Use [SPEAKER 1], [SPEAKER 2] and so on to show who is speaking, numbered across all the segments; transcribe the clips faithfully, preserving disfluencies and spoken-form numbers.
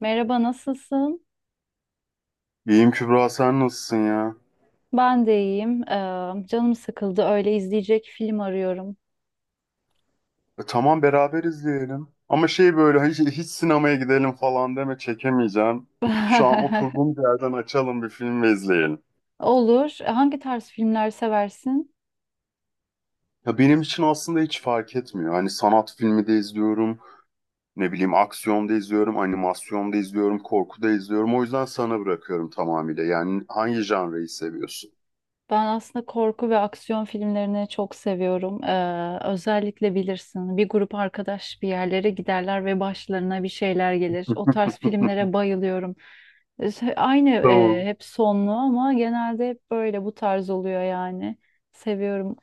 [SPEAKER 1] Merhaba, nasılsın?
[SPEAKER 2] İyiyim Kübra, sen nasılsın ya?
[SPEAKER 1] Ben de iyiyim. Ee, canım sıkıldı. Öyle izleyecek film arıyorum.
[SPEAKER 2] E, tamam, beraber izleyelim. Ama şey böyle hiç, hiç sinemaya gidelim falan deme, çekemeyeceğim. Şu an oturduğum yerden açalım bir film ve izleyelim.
[SPEAKER 1] Olur. E, Hangi tarz filmler seversin?
[SPEAKER 2] Ya benim için aslında hiç fark etmiyor. Hani sanat filmi de izliyorum, ne bileyim aksiyon da izliyorum, animasyon da izliyorum, korku da izliyorum. O yüzden sana bırakıyorum tamamıyla. Yani hangi janreyi seviyorsun?
[SPEAKER 1] Ben aslında korku ve aksiyon filmlerini çok seviyorum. Ee, özellikle bilirsin, bir grup arkadaş bir yerlere giderler ve başlarına bir şeyler gelir. O tarz filmlere bayılıyorum. Ee, Aynı e,
[SPEAKER 2] Tamam.
[SPEAKER 1] hep sonlu ama genelde hep böyle bu tarz oluyor yani. Seviyorum.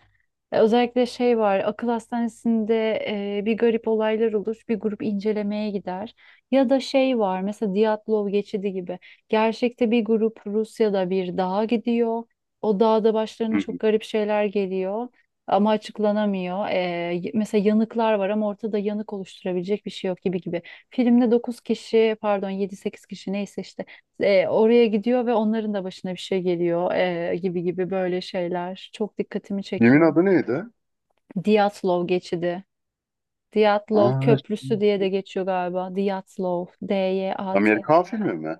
[SPEAKER 1] E, Özellikle şey var, akıl hastanesinde e, bir garip olaylar olur, bir grup incelemeye gider. Ya da şey var, mesela Diatlov geçidi gibi. Gerçekte bir grup Rusya'da bir dağa gidiyor. O dağda
[SPEAKER 2] Hı
[SPEAKER 1] başlarına çok
[SPEAKER 2] hı.
[SPEAKER 1] garip şeyler geliyor ama açıklanamıyor. E, y- mesela yanıklar var ama ortada yanık oluşturabilecek bir şey yok gibi gibi. Filmde dokuz kişi, pardon yedi sekiz kişi neyse işte e, oraya gidiyor ve onların da başına bir şey geliyor, e, gibi gibi böyle şeyler çok dikkatimi
[SPEAKER 2] Filmin
[SPEAKER 1] çekiyor.
[SPEAKER 2] adı neydi?
[SPEAKER 1] Diyatlov geçidi. Diyatlov
[SPEAKER 2] Aa,
[SPEAKER 1] Köprüsü diye de geçiyor galiba. Diyatlov. D-Y-A-T.
[SPEAKER 2] Amerikan filmi mi?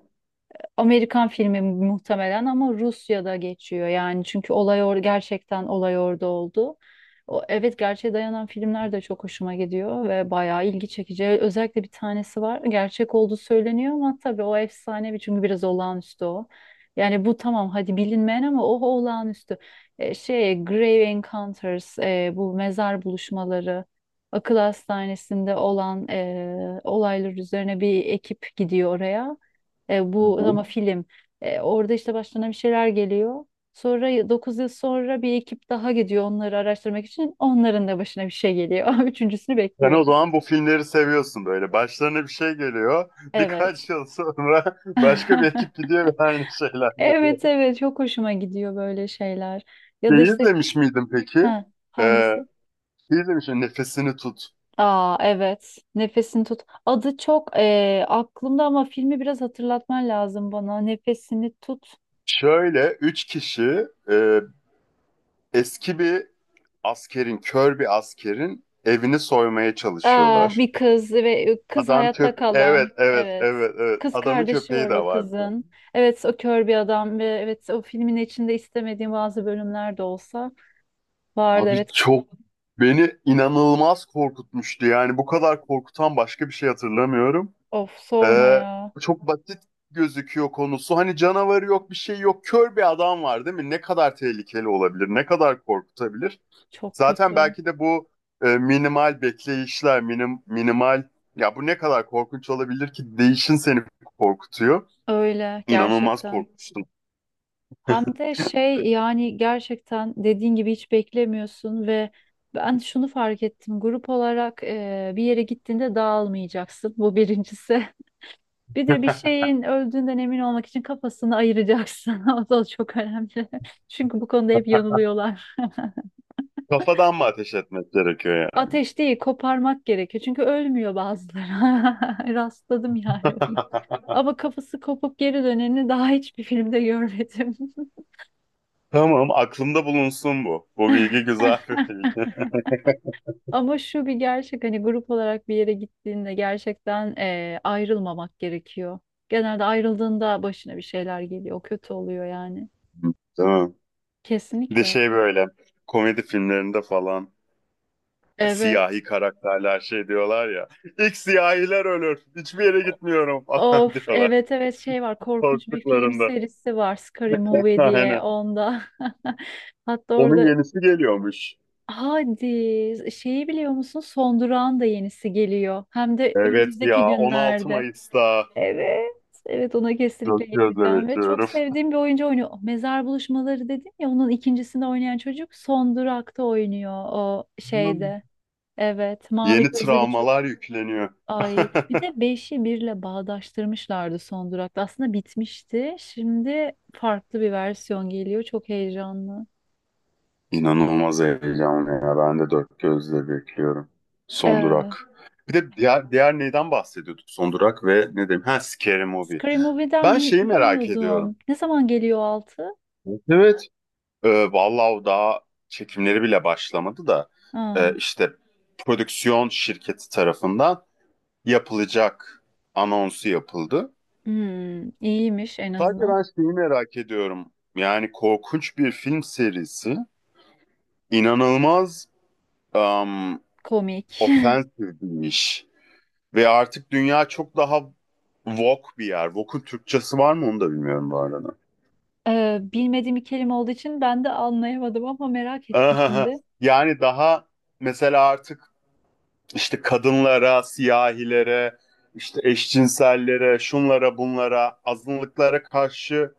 [SPEAKER 1] Amerikan filmi muhtemelen ama Rusya'da geçiyor yani çünkü olay or gerçekten olay orada oldu. O, evet, gerçeğe dayanan filmler de çok hoşuma gidiyor ve bayağı ilgi çekici. Özellikle bir tanesi var. Gerçek olduğu söyleniyor ama tabii o efsanevi çünkü biraz olağanüstü o. Yani bu tamam hadi bilinmeyen ama o olağanüstü. E, şey, Grave Encounters, e, bu mezar buluşmaları, akıl hastanesinde olan e, olaylar üzerine bir ekip gidiyor oraya. E,
[SPEAKER 2] Hı
[SPEAKER 1] bu ama
[SPEAKER 2] hı.
[SPEAKER 1] film. E, orada işte başlarına bir şeyler geliyor. Sonra dokuz yıl sonra bir ekip daha gidiyor onları araştırmak için. Onların da başına bir şey geliyor. Üçüncüsünü
[SPEAKER 2] Sen o
[SPEAKER 1] bekliyoruz.
[SPEAKER 2] zaman bu filmleri seviyorsun böyle. Başlarına bir şey geliyor.
[SPEAKER 1] Evet.
[SPEAKER 2] Birkaç yıl sonra başka bir ekip gidiyor ve aynı şeyler geliyor.
[SPEAKER 1] Evet, evet, çok hoşuma gidiyor böyle şeyler. Ya da
[SPEAKER 2] Şeyi
[SPEAKER 1] işte
[SPEAKER 2] izlemiş miydin peki?
[SPEAKER 1] ha,
[SPEAKER 2] Ee,
[SPEAKER 1] hangisi?
[SPEAKER 2] Şey, izlemiş miydin? Nefesini tut.
[SPEAKER 1] Aa, evet. Nefesini tut. Adı çok e, aklımda ama filmi biraz hatırlatman lazım bana. Nefesini tut.
[SPEAKER 2] Şöyle üç kişi e, eski bir askerin, kör bir askerin evini soymaya
[SPEAKER 1] Ah,
[SPEAKER 2] çalışıyorlar.
[SPEAKER 1] bir kız, ve kız
[SPEAKER 2] Adam
[SPEAKER 1] hayatta
[SPEAKER 2] köp...
[SPEAKER 1] kalan.
[SPEAKER 2] Evet, evet,
[SPEAKER 1] Evet.
[SPEAKER 2] evet, evet.
[SPEAKER 1] Kız
[SPEAKER 2] Adamın
[SPEAKER 1] kardeşi
[SPEAKER 2] köpeği
[SPEAKER 1] var
[SPEAKER 2] de
[SPEAKER 1] o
[SPEAKER 2] var.
[SPEAKER 1] kızın. Evet, o kör bir adam ve evet o filmin içinde istemediğim bazı bölümler de olsa vardı.
[SPEAKER 2] Abi
[SPEAKER 1] Evet.
[SPEAKER 2] çok, beni inanılmaz korkutmuştu. Yani bu kadar korkutan başka bir şey hatırlamıyorum.
[SPEAKER 1] Of, sorma
[SPEAKER 2] Ee,
[SPEAKER 1] ya.
[SPEAKER 2] Çok basit gözüküyor konusu. Hani canavarı yok, bir şey yok. Kör bir adam var, değil mi? Ne kadar tehlikeli olabilir? Ne kadar korkutabilir?
[SPEAKER 1] Çok
[SPEAKER 2] Zaten
[SPEAKER 1] kötü.
[SPEAKER 2] belki de bu e, minimal bekleyişler, minim, minimal ya, bu ne kadar korkunç olabilir ki değişin seni korkutuyor.
[SPEAKER 1] Öyle
[SPEAKER 2] İnanılmaz
[SPEAKER 1] gerçekten.
[SPEAKER 2] korkmuştum.
[SPEAKER 1] Hem de şey yani gerçekten dediğin gibi hiç beklemiyorsun ve ben şunu fark ettim. Grup olarak eee, bir yere gittiğinde dağılmayacaksın. Bu birincisi. Bir de bir şeyin öldüğünden emin olmak için kafasını ayıracaksın. O da çok önemli. Çünkü bu konuda hep yanılıyorlar.
[SPEAKER 2] Kafadan mı ateş etmek gerekiyor yani?
[SPEAKER 1] Ateş değil, koparmak gerekiyor. Çünkü ölmüyor bazıları. Rastladım yani bunu. Ama kafası kopup geri döneni daha hiçbir filmde görmedim.
[SPEAKER 2] Tamam, aklımda bulunsun bu. Bu bilgi güzel bir bilgi.
[SPEAKER 1] Ama şu bir gerçek, hani grup olarak bir yere gittiğinde gerçekten eee, ayrılmamak gerekiyor. Genelde ayrıldığında başına bir şeyler geliyor. O kötü oluyor yani.
[SPEAKER 2] Tamam. Bir de
[SPEAKER 1] Kesinlikle.
[SPEAKER 2] şey, böyle komedi filmlerinde falan.
[SPEAKER 1] Evet.
[SPEAKER 2] Siyahi karakterler şey diyorlar ya. İlk siyahiler ölür. Hiçbir yere gitmiyorum falan,
[SPEAKER 1] Of,
[SPEAKER 2] diyorlar.
[SPEAKER 1] evet, evet, şey var, korkunç bir film
[SPEAKER 2] Korktuklarında.
[SPEAKER 1] serisi var, Scary Movie diye,
[SPEAKER 2] Aynen.
[SPEAKER 1] onda. Hatta
[SPEAKER 2] Onun
[SPEAKER 1] orada
[SPEAKER 2] yenisi geliyormuş.
[SPEAKER 1] hadi şeyi biliyor musun? Son Durağın da yenisi geliyor. Hem de
[SPEAKER 2] Evet
[SPEAKER 1] önümüzdeki
[SPEAKER 2] ya, on altı
[SPEAKER 1] günlerde.
[SPEAKER 2] Mayıs'ta.
[SPEAKER 1] Evet. Evet, ona
[SPEAKER 2] Çok
[SPEAKER 1] kesinlikle
[SPEAKER 2] gözle
[SPEAKER 1] gideceğim ve çok
[SPEAKER 2] bekliyorum.
[SPEAKER 1] sevdiğim bir oyuncu oynuyor. Oh, Mezar Buluşmaları dedim ya, onun ikincisinde oynayan çocuk Son Durak'ta oynuyor, o şeyde. Evet, mavi
[SPEAKER 2] Yeni
[SPEAKER 1] gözlü bir çocuk.
[SPEAKER 2] travmalar yükleniyor.
[SPEAKER 1] Ay, bir de beşi birle bağdaştırmışlardı son durakta. Aslında bitmişti. Şimdi farklı bir versiyon geliyor. Çok heyecanlı.
[SPEAKER 2] İnanılmaz heyecanlı ya. Ben de dört gözle bekliyorum. Son
[SPEAKER 1] Ee,
[SPEAKER 2] durak. Bir de diğer, diğer neyden bahsediyorduk? Son durak ve ne diyeyim? Ha, Scary Movie.
[SPEAKER 1] Scary Movie'den
[SPEAKER 2] Ben
[SPEAKER 1] bi-
[SPEAKER 2] şeyi merak ediyorum.
[SPEAKER 1] bilmiyordum. Ne zaman geliyor altı?
[SPEAKER 2] Evet. Ee, vallahi o daha çekimleri bile başlamadı da
[SPEAKER 1] Ha.
[SPEAKER 2] e, işte prodüksiyon şirketi tarafından yapılacak anonsu yapıldı.
[SPEAKER 1] Hmm, iyiymiş en
[SPEAKER 2] Sadece
[SPEAKER 1] azından.
[SPEAKER 2] ben şeyi merak ediyorum. Yani korkunç bir film serisi, inanılmaz um,
[SPEAKER 1] Komik.
[SPEAKER 2] ofensif bir iş. Ve artık dünya çok daha woke bir yer. Woke'un Türkçesi var mı, onu da bilmiyorum bu arada.
[SPEAKER 1] Ee, bilmediğim bir kelime olduğu için ben de anlayamadım ama merak ettim şimdi.
[SPEAKER 2] Yani daha mesela artık işte kadınlara, siyahilere, işte eşcinsellere, şunlara bunlara, azınlıklara karşı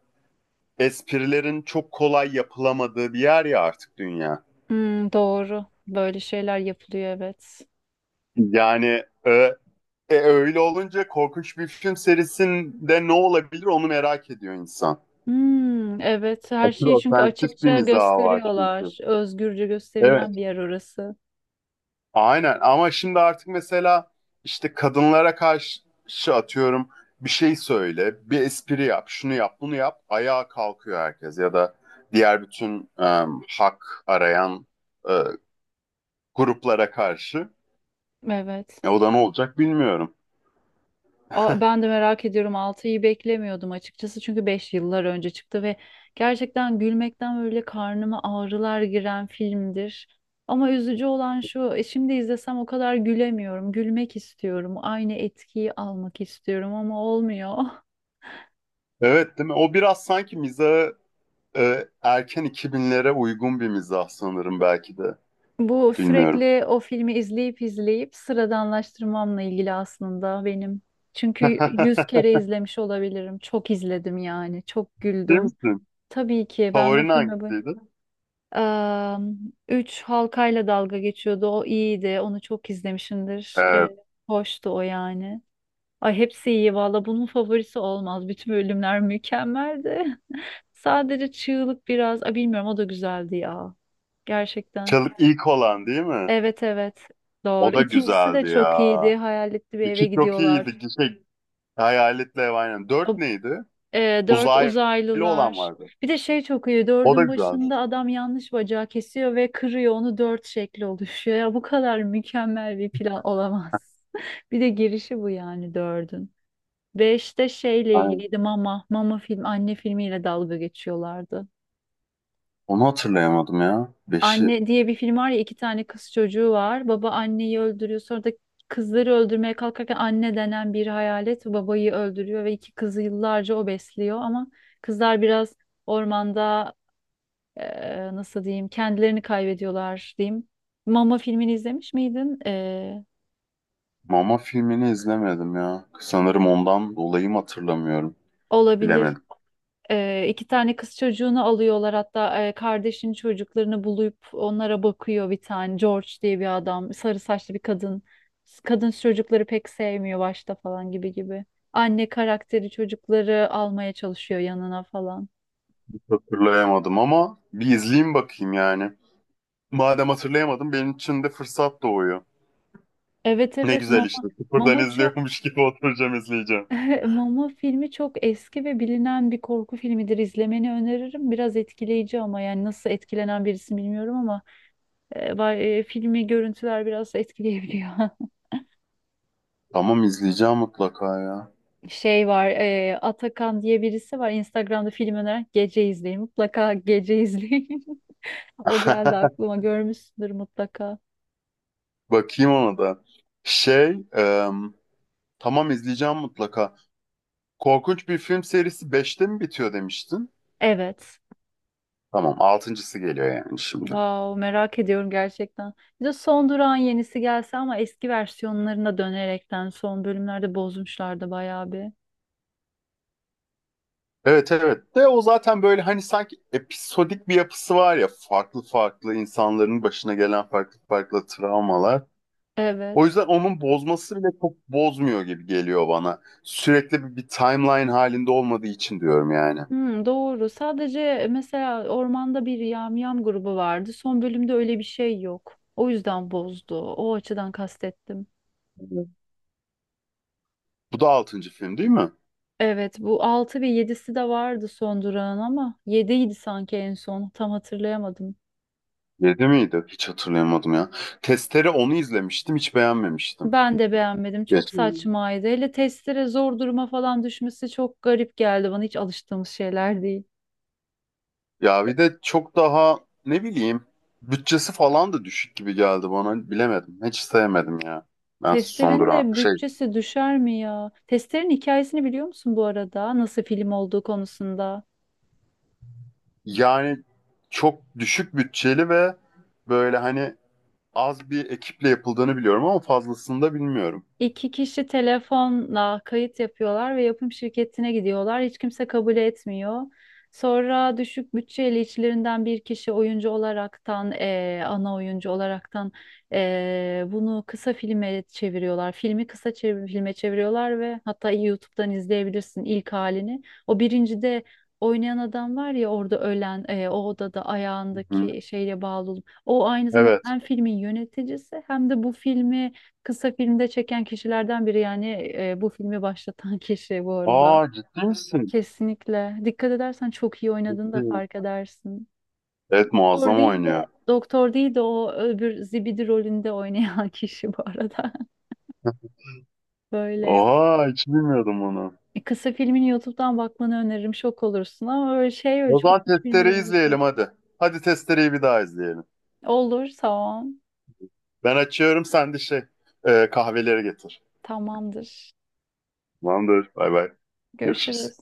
[SPEAKER 2] esprilerin çok kolay yapılamadığı bir yer ya artık dünya.
[SPEAKER 1] Hmm, doğru. Böyle şeyler yapılıyor, evet.
[SPEAKER 2] Yani e, e, öyle olunca korkunç bir film serisinde ne olabilir, onu merak ediyor insan.
[SPEAKER 1] Hmm, evet, her
[SPEAKER 2] Aslında
[SPEAKER 1] şeyi çünkü
[SPEAKER 2] ofensif bir
[SPEAKER 1] açıkça
[SPEAKER 2] mizahı var çünkü.
[SPEAKER 1] gösteriyorlar. Özgürce gösterilen
[SPEAKER 2] Evet,
[SPEAKER 1] bir yer orası.
[SPEAKER 2] aynen. Ama şimdi artık mesela işte kadınlara karşı atıyorum bir şey söyle, bir espri yap, şunu yap, bunu yap, ayağa kalkıyor herkes. Ya da diğer bütün e, hak arayan e, gruplara karşı.
[SPEAKER 1] Evet.
[SPEAKER 2] E, o da ne olacak bilmiyorum.
[SPEAKER 1] A- Ben de merak ediyorum, altıyı beklemiyordum açıkçası çünkü beş yıllar önce çıktı ve gerçekten gülmekten böyle karnıma ağrılar giren filmdir. Ama üzücü olan şu, e, şimdi izlesem o kadar gülemiyorum. Gülmek istiyorum. Aynı etkiyi almak istiyorum ama olmuyor.
[SPEAKER 2] Evet, değil mi? O biraz sanki mizahı e, erken iki binlere uygun bir mizah, sanırım belki de.
[SPEAKER 1] Bu
[SPEAKER 2] Bilmiyorum.
[SPEAKER 1] sürekli o filmi izleyip izleyip sıradanlaştırmamla ilgili aslında benim. Çünkü yüz kere izlemiş olabilirim. Çok izledim yani. Çok
[SPEAKER 2] Değil
[SPEAKER 1] güldüm.
[SPEAKER 2] misin?
[SPEAKER 1] Tabii ki ben o
[SPEAKER 2] Favorin
[SPEAKER 1] filme bu...
[SPEAKER 2] hangisiydi?
[SPEAKER 1] Eee, Üç halkayla dalga geçiyordu. O iyiydi. Onu çok izlemişimdir.
[SPEAKER 2] Evet.
[SPEAKER 1] Eee, hoştu o yani. Ay, hepsi iyi valla. Bunun favorisi olmaz. Bütün bölümler mükemmeldi. Sadece çığlık biraz. Ay bilmiyorum, o da güzeldi ya. Gerçekten.
[SPEAKER 2] Çalık ilk olan değil mi?
[SPEAKER 1] Evet, evet,
[SPEAKER 2] O
[SPEAKER 1] doğru.
[SPEAKER 2] da
[SPEAKER 1] İkincisi de
[SPEAKER 2] güzeldi
[SPEAKER 1] çok
[SPEAKER 2] ya.
[SPEAKER 1] iyiydi. Hayaletli bir eve
[SPEAKER 2] İki çok
[SPEAKER 1] gidiyorlar.
[SPEAKER 2] iyiydi. Şey, hayaletle ev, aynen. Dört
[SPEAKER 1] O,
[SPEAKER 2] neydi?
[SPEAKER 1] e, dört
[SPEAKER 2] Uzaylı olan
[SPEAKER 1] uzaylılar.
[SPEAKER 2] vardı.
[SPEAKER 1] Bir de şey çok iyi.
[SPEAKER 2] O da
[SPEAKER 1] Dördün
[SPEAKER 2] güzeldi.
[SPEAKER 1] başında adam yanlış bacağı kesiyor ve kırıyor. Onu dört şekli oluşuyor. Ya, bu kadar mükemmel bir plan olamaz. Bir de girişi bu yani dördün. Beşte şeyle
[SPEAKER 2] Aynen.
[SPEAKER 1] ilgiliydi, mama. Mama film, anne filmiyle dalga geçiyorlardı.
[SPEAKER 2] Onu hatırlayamadım ya. Beşi.
[SPEAKER 1] Anne diye bir film var ya, iki tane kız çocuğu var. Baba anneyi öldürüyor. Sonra da kızları öldürmeye kalkarken anne denen bir hayalet babayı öldürüyor ve iki kızı yıllarca o besliyor. Ama kızlar biraz ormanda, eee, nasıl diyeyim, kendilerini kaybediyorlar diyeyim. Mama filmini izlemiş miydin? Eee,
[SPEAKER 2] Mama filmini izlemedim ya. Sanırım ondan dolayı mı hatırlamıyorum.
[SPEAKER 1] olabilir.
[SPEAKER 2] Bilemedim.
[SPEAKER 1] Ee, iki tane kız çocuğunu alıyorlar, hatta e, kardeşin çocuklarını bulup onlara bakıyor bir tane George diye bir adam, sarı saçlı bir kadın kadın çocukları pek sevmiyor başta falan, gibi gibi, anne karakteri çocukları almaya çalışıyor yanına falan.
[SPEAKER 2] Hatırlayamadım ama bir izleyeyim bakayım yani. Madem hatırlayamadım, benim için de fırsat doğuyor.
[SPEAKER 1] Evet,
[SPEAKER 2] Ne
[SPEAKER 1] evet,
[SPEAKER 2] güzel
[SPEAKER 1] Mama
[SPEAKER 2] işte. Sıfırdan
[SPEAKER 1] Mama çok...
[SPEAKER 2] izliyormuş gibi oturacağım izleyeceğim.
[SPEAKER 1] Mama filmi çok eski ve bilinen bir korku filmidir, izlemeni öneririm. Biraz etkileyici ama yani nasıl etkilenen birisi bilmiyorum ama e, ba- e, filmi, görüntüler biraz etkileyebiliyor.
[SPEAKER 2] Tamam, izleyeceğim mutlaka ya.
[SPEAKER 1] Şey var, e, Atakan diye birisi var Instagram'da, film öneren, gece izleyin mutlaka, gece izleyin. O geldi aklıma, görmüşsündür mutlaka.
[SPEAKER 2] Bakayım ona da. Şey, e, tamam, izleyeceğim mutlaka. Korkunç bir film serisi beşte mi bitiyor demiştin?
[SPEAKER 1] Evet,
[SPEAKER 2] Tamam, altıncısı geliyor yani şimdi.
[SPEAKER 1] wow, merak ediyorum gerçekten. Bir de Son Durağın yenisi gelse ama eski versiyonlarına dönerekten, son bölümlerde bozmuşlardı bayağı bir.
[SPEAKER 2] Evet evet, de o zaten böyle hani sanki episodik bir yapısı var ya, farklı farklı insanların başına gelen farklı farklı travmalar. O
[SPEAKER 1] Evet.
[SPEAKER 2] yüzden onun bozması bile çok bozmuyor gibi geliyor bana. Sürekli bir, bir timeline halinde olmadığı için diyorum yani.
[SPEAKER 1] Hmm, doğru, sadece mesela ormanda bir yamyam grubu vardı son bölümde, öyle bir şey yok, o yüzden bozdu, o açıdan kastettim.
[SPEAKER 2] Evet. Bu da altıncı film değil mi?
[SPEAKER 1] Evet, bu altı ve yedisi de vardı Son Durağın, ama yediydi sanki en son, tam hatırlayamadım.
[SPEAKER 2] Yedi miydi? Hiç hatırlayamadım ya. Testere, onu izlemiştim, hiç beğenmemiştim.
[SPEAKER 1] Ben de beğenmedim, çok
[SPEAKER 2] Geç.
[SPEAKER 1] saçmaydı. Hele testere zor duruma falan düşmesi çok garip geldi bana, hiç alıştığımız şeyler değil.
[SPEAKER 2] Ya bir de çok daha ne bileyim bütçesi falan da düşük gibi geldi bana. Bilemedim. Hiç sevmedim ya. Ben son
[SPEAKER 1] Testerin
[SPEAKER 2] duran
[SPEAKER 1] de
[SPEAKER 2] şey,
[SPEAKER 1] bütçesi düşer mi ya? Testerin hikayesini biliyor musun bu arada? Nasıl film olduğu konusunda?
[SPEAKER 2] yani çok düşük bütçeli ve böyle hani az bir ekiple yapıldığını biliyorum ama fazlasını da bilmiyorum.
[SPEAKER 1] İki kişi telefonla kayıt yapıyorlar ve yapım şirketine gidiyorlar. Hiç kimse kabul etmiyor. Sonra düşük bütçeli, içlerinden bir kişi oyuncu olaraktan, eee, ana oyuncu olaraktan, eee, bunu kısa filme çeviriyorlar. Filmi kısa çev- filme çeviriyorlar ve hatta YouTube'dan izleyebilirsin ilk halini. O birincide oynayan adam var ya orada ölen, eee, o odada
[SPEAKER 2] Hı.
[SPEAKER 1] ayağındaki şeyle bağlı. olup- O aynı zamanda
[SPEAKER 2] Evet.
[SPEAKER 1] hem filmin yöneticisi hem de bu filmi kısa filmde çeken kişilerden biri, yani e, bu filmi başlatan kişi bu arada.
[SPEAKER 2] Aa, ciddi misin?
[SPEAKER 1] Kesinlikle. Dikkat edersen çok iyi oynadığını da fark edersin.
[SPEAKER 2] Evet,
[SPEAKER 1] Doktor
[SPEAKER 2] muazzam
[SPEAKER 1] değil de
[SPEAKER 2] oynuyor.
[SPEAKER 1] doktor değil de o öbür zibidi rolünde oynayan kişi bu arada. Böyle...
[SPEAKER 2] Oha, hiç bilmiyordum onu.
[SPEAKER 1] E, kısa filmini YouTube'dan bakmanı öneririm. Şok olursun ama öyle şey, öyle
[SPEAKER 2] O
[SPEAKER 1] çok
[SPEAKER 2] zaman
[SPEAKER 1] hiç
[SPEAKER 2] testereyi
[SPEAKER 1] bilmediğim bir şey.
[SPEAKER 2] izleyelim hadi. Hadi testereyi bir daha izleyelim.
[SPEAKER 1] Olur, tamam.
[SPEAKER 2] Ben açıyorum, sen de şey e, kahveleri getir.
[SPEAKER 1] Tamamdır.
[SPEAKER 2] Tamamdır. Bay bay. Görüşürüz.
[SPEAKER 1] Görüşürüz.